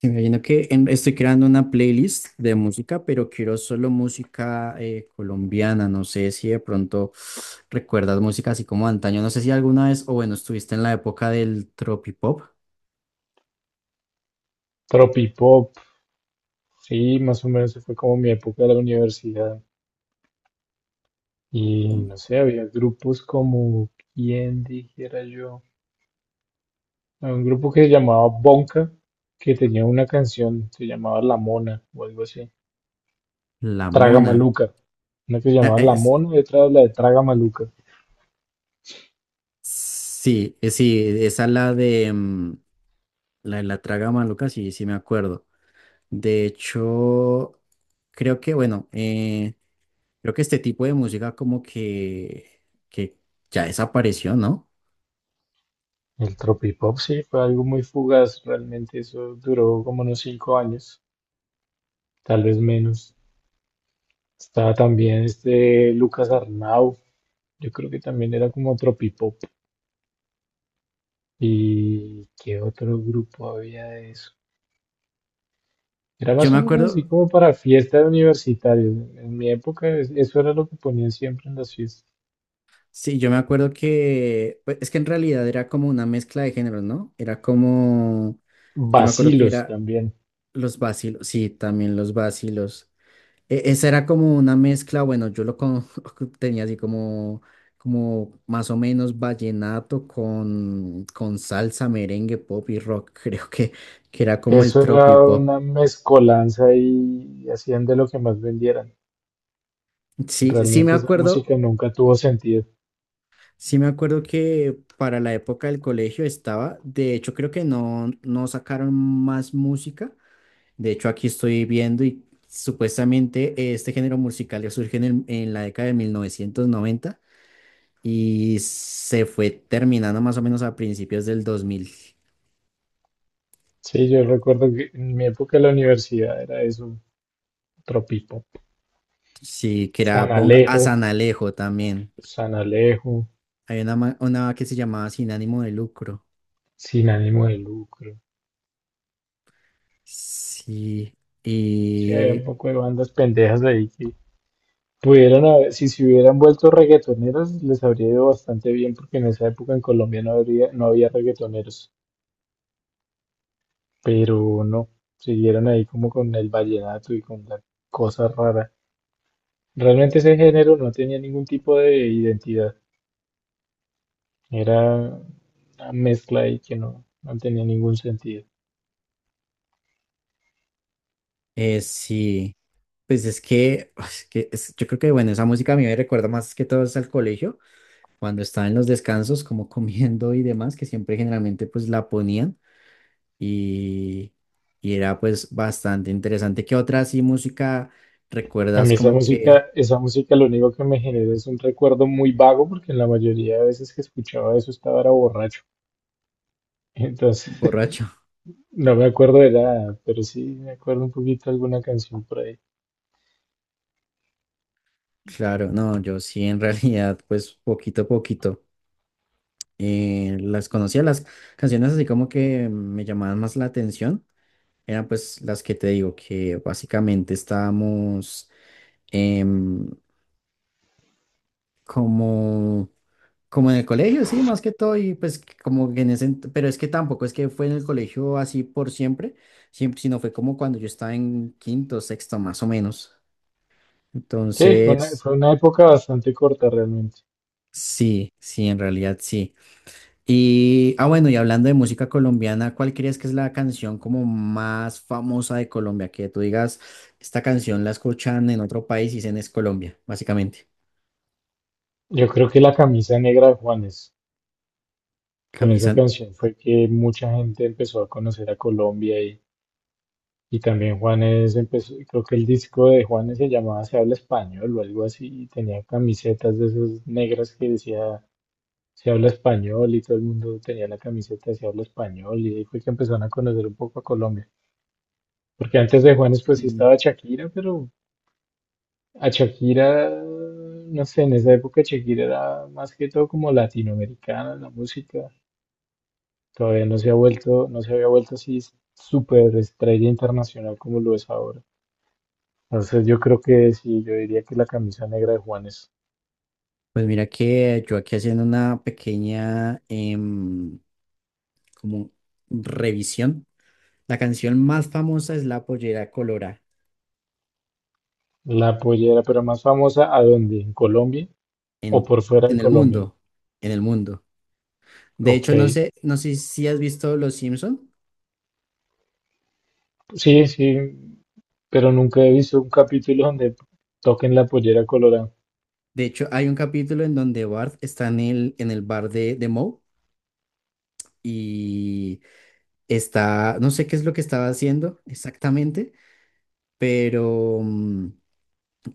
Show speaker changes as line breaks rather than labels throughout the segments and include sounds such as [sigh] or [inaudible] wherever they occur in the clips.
Sí, me imagino que estoy creando una playlist de música, pero quiero solo música colombiana. No sé si de pronto recuerdas música así como antaño. No sé si alguna vez, o bueno, estuviste en la época del tropipop,
Tropipop, sí, más o menos fue como mi época de la universidad. Y no sé, había grupos como, ¿quién dijera yo? Había un grupo que se llamaba Bonka, que tenía una canción, se llamaba La Mona o algo así.
La
Traga
Mona.
Maluca, una que se
Ah,
llamaba La Mona y otra la de Traga Maluca.
sí, sí, esa la de la traga maluca, sí, sí me acuerdo. De hecho, bueno, creo que este tipo de música como que ya desapareció, ¿no?
El Tropipop sí fue algo muy fugaz, realmente eso duró como unos 5 años, tal vez menos. Estaba también este Lucas Arnau, yo creo que también era como Tropipop. ¿Y qué otro grupo había de eso? Era
Yo
más
me
o menos así
acuerdo.
como para fiesta de universitarios. En mi época eso era lo que ponían siempre en las fiestas.
Sí, yo me acuerdo que, pues, es que en realidad era como una mezcla de géneros, ¿no? Yo me acuerdo que
Vacilos
era
también.
los vacilos, sí, también los vacilos. Esa era como una mezcla, bueno, [laughs] tenía así como más o menos vallenato con salsa, merengue, pop y rock, [laughs] creo que era como el
Eso era
tropipop.
una mezcolanza y hacían de lo que más vendieran.
Sí, sí me
Realmente esa
acuerdo.
música nunca tuvo sentido.
Sí me acuerdo que para la época del colegio estaba, de hecho creo que no, no sacaron más música. De hecho aquí estoy viendo y supuestamente este género musical ya surge en la década de 1990 y se fue terminando más o menos a principios del 2000.
Sí, yo recuerdo que en mi época de la universidad era eso, tropipo.
Sí, que era
San
Bonga, a
Alejo,
San Alejo también.
San Alejo,
Hay una que se llamaba Sin ánimo de lucro,
sin ánimo de lucro.
sí,
Sí, había
y
un poco de bandas pendejas ahí. Pudieran haber, si se hubieran vuelto reggaetoneras, les habría ido bastante bien, porque en esa época en Colombia no habría, no había reggaetoneros, pero no, siguieron ahí como con el vallenato y con la cosa rara. Realmente ese género no tenía ningún tipo de identidad, era una mezcla ahí que no, no tenía ningún sentido.
sí. Pues yo creo que, bueno, esa música a mí me recuerda más que todo es al colegio, cuando estaba en los descansos, como [laughs] comiendo y demás, que siempre generalmente pues la ponían y, y era pues bastante interesante. ¿Qué otra así música
A mí
recuerdas como que
esa música lo único que me generó es un recuerdo muy vago, porque en la mayoría de veces que escuchaba eso estaba era borracho. [laughs] Entonces,
borracho? [laughs]
no me acuerdo de nada, pero sí me acuerdo un poquito de alguna canción por ahí.
Claro, no, yo sí en [laughs] realidad pues poquito a poquito las conocía, las canciones así como que me llamaban más la atención, eran pues las que te digo que básicamente estábamos em, como, como en el colegio, sí, más que todo, y pues que como que pero es que tampoco es que fue en el colegio así por siempre, siempre, sino fue como cuando yo estaba en quinto, sexto, más o menos.
Sí, fue una,
Entonces,
fue una época bastante corta realmente.
sí, sí, en realidad sí. Y, ah, bueno, y hablando de música colombiana, ¿cuál crees que es la canción como más famosa de Colombia? Que tú digas, esta canción la escuchan en otro país y dicen es Colombia, básicamente.
Yo creo que la camisa negra de Juanes, con esa
Camisa.
canción fue que mucha gente empezó a conocer a Colombia y también Juanes empezó, creo que el disco de Juanes se llamaba Se habla español o algo así, y tenía camisetas de esas negras que decía Se habla español y todo el mundo tenía la camiseta de Se habla español y ahí fue que empezaron a conocer un poco a Colombia. Porque antes de Juanes pues sí estaba Shakira, pero a Shakira, no sé, en esa época Shakira era más que todo como latinoamericana, en la música. Todavía no se ha vuelto, no se había vuelto así súper estrella internacional como lo es ahora. Entonces yo creo que sí, yo diría que la camisa negra de Juan es
Pues mira que yo aquí haciendo una pequeña como revisión. La canción más famosa es La Pollera Colora
la pollera, pero más famosa, ¿a dónde? ¿En Colombia o
en,
por fuera de
en el
Colombia?
mundo, en el mundo. De
Ok,
hecho, no sé si has visto Los Simpson.
sí, sí, pero nunca he visto un capítulo donde toquen la pollera colorada.
De hecho, hay un capítulo en donde Bart está en el bar de Moe y está, no sé qué es lo que estaba haciendo exactamente, pero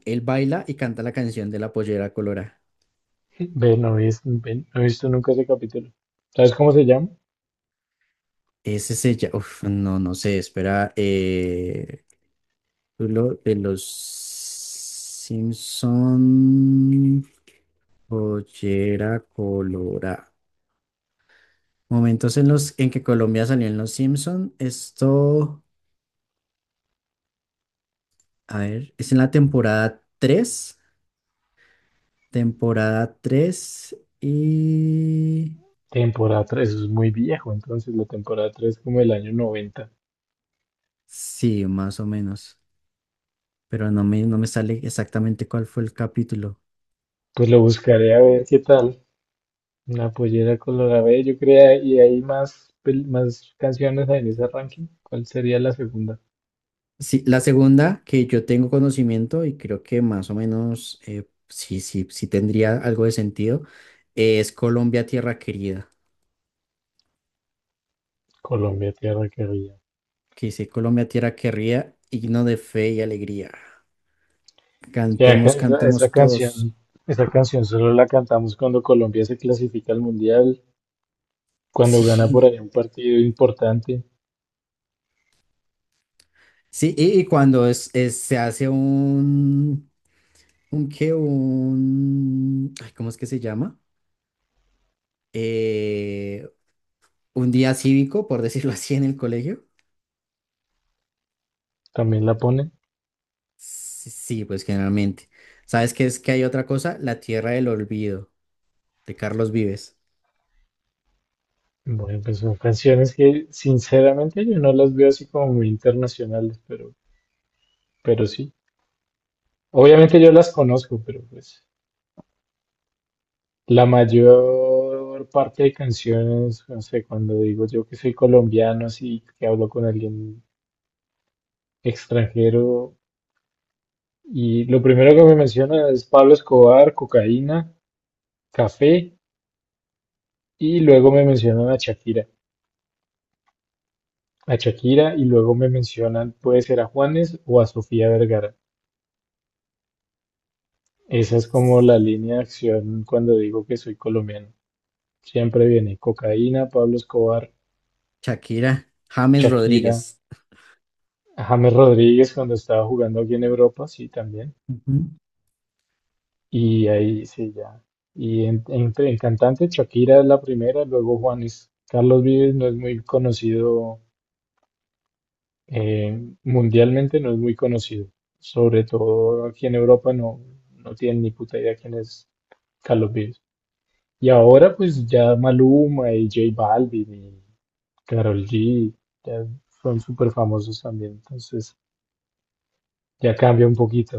él baila y canta la canción de La Pollera Colora.
[laughs] Ve, no he visto, ve, no he visto nunca ese capítulo. ¿Sabes cómo se llama?
Ese se llama, uf, no, no sé, espera, lo de los Simpson, pollera colorada. Momentos en los en que Colombia salió en los Simpson, esto, a ver, es en la temporada 3 y
Temporada 3, eso es muy viejo, entonces la temporada 3 como el año noventa.
sí, más o menos, pero no me sale exactamente cuál fue el capítulo.
Pues lo buscaré a ver qué tal. La pollera colorada, ve, yo creo, y hay más, más canciones en ese ranking. ¿Cuál sería la segunda?
Sí, la segunda que yo tengo conocimiento y creo que más o menos sí, sí, sí tendría algo de sentido, es Colombia Tierra Querida,
Colombia, tierra querida.
que dice Colombia Tierra Querida, himno de fe y alegría.
Sí,
Cantemos,
esa, esa
cantemos todos.
canción,
[laughs]
esa canción solo la cantamos cuando Colombia se clasifica al mundial, cuando gana por
Sí,
ahí un partido importante,
sí, y cuando se hace un qué, un, ay, ¿cómo es que se llama? Eh, un día cívico, por decirlo [laughs] así, en el colegio.
también la ponen.
Sí, sí, pues generalmente. ¿Sabes qué es que hay otra cosa? La Tierra del Olvido, de Carlos Vives.
Bueno, pues son canciones que sinceramente yo no las veo así como muy internacionales, pero sí. Obviamente yo las conozco, pero pues la mayor parte de canciones, no sé, cuando digo yo que soy colombiano, así que hablo con alguien extranjero, y lo primero que me menciona es Pablo Escobar, cocaína, café, y luego me mencionan a Shakira, y luego me mencionan, puede ser a Juanes o a Sofía Vergara. Esa es como la línea de acción cuando digo que soy colombiano. Siempre viene cocaína, Pablo Escobar,
Shakira, James
Shakira,
Rodríguez.
James Rodríguez cuando estaba jugando aquí en Europa, sí, también.
Ujú.
Y ahí sí, ya. Y en cantante, Shakira es la primera, luego Juanes. Carlos Vives no es muy conocido, mundialmente, no es muy conocido. Sobre todo aquí en Europa no, no tienen ni puta idea quién es Carlos Vives. Y ahora pues ya Maluma y J Balvin y Karol G ya son súper famosos también. Entonces ya cambia un poquito.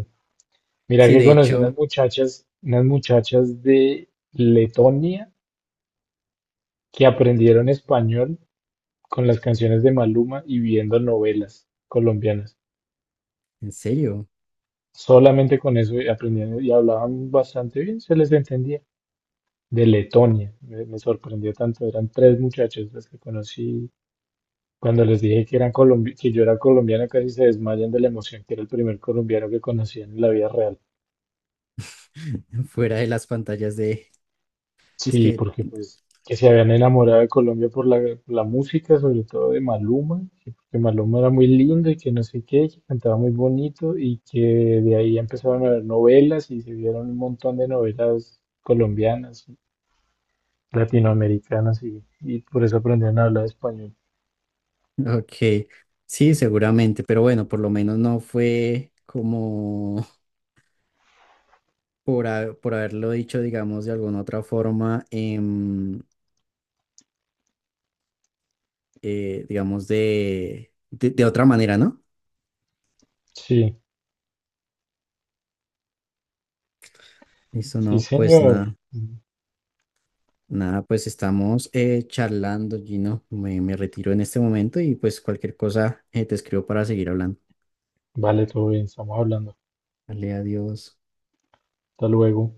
Mira
Sí,
que
de
conocí
hecho,
unas muchachas de Letonia que aprendieron español con las canciones de Maluma y viendo novelas colombianas.
en serio,
Solamente con eso aprendían y hablaban bastante bien, se les entendía. De Letonia, me sorprendió tanto. Eran tres muchachas las que conocí. Cuando les dije que yo era colombiano, casi se desmayan de la emoción que era el primer colombiano que conocían en la vida real.
[laughs] fuera de las pantallas de. Es
Sí,
que,
porque pues que se habían enamorado de Colombia por la música, sobre todo de Maluma, que porque Maluma era muy lindo y que no sé qué, que cantaba muy bonito y que de ahí empezaron a ver novelas y se vieron un montón de novelas colombianas, latinoamericanas y por eso aprendieron a hablar español.
ok, sí, seguramente, pero bueno, por lo menos no fue como por haberlo dicho, digamos, de alguna otra forma, digamos, de otra manera, ¿no?
Sí,
Eso
sí,
no, pues
señor.
nada. Nada, pues estamos charlando, Gino. Me retiro en este momento y pues cualquier cosa te escribo para seguir hablando.
Vale, todo bien, estamos hablando.
Dale, adiós.
Hasta luego.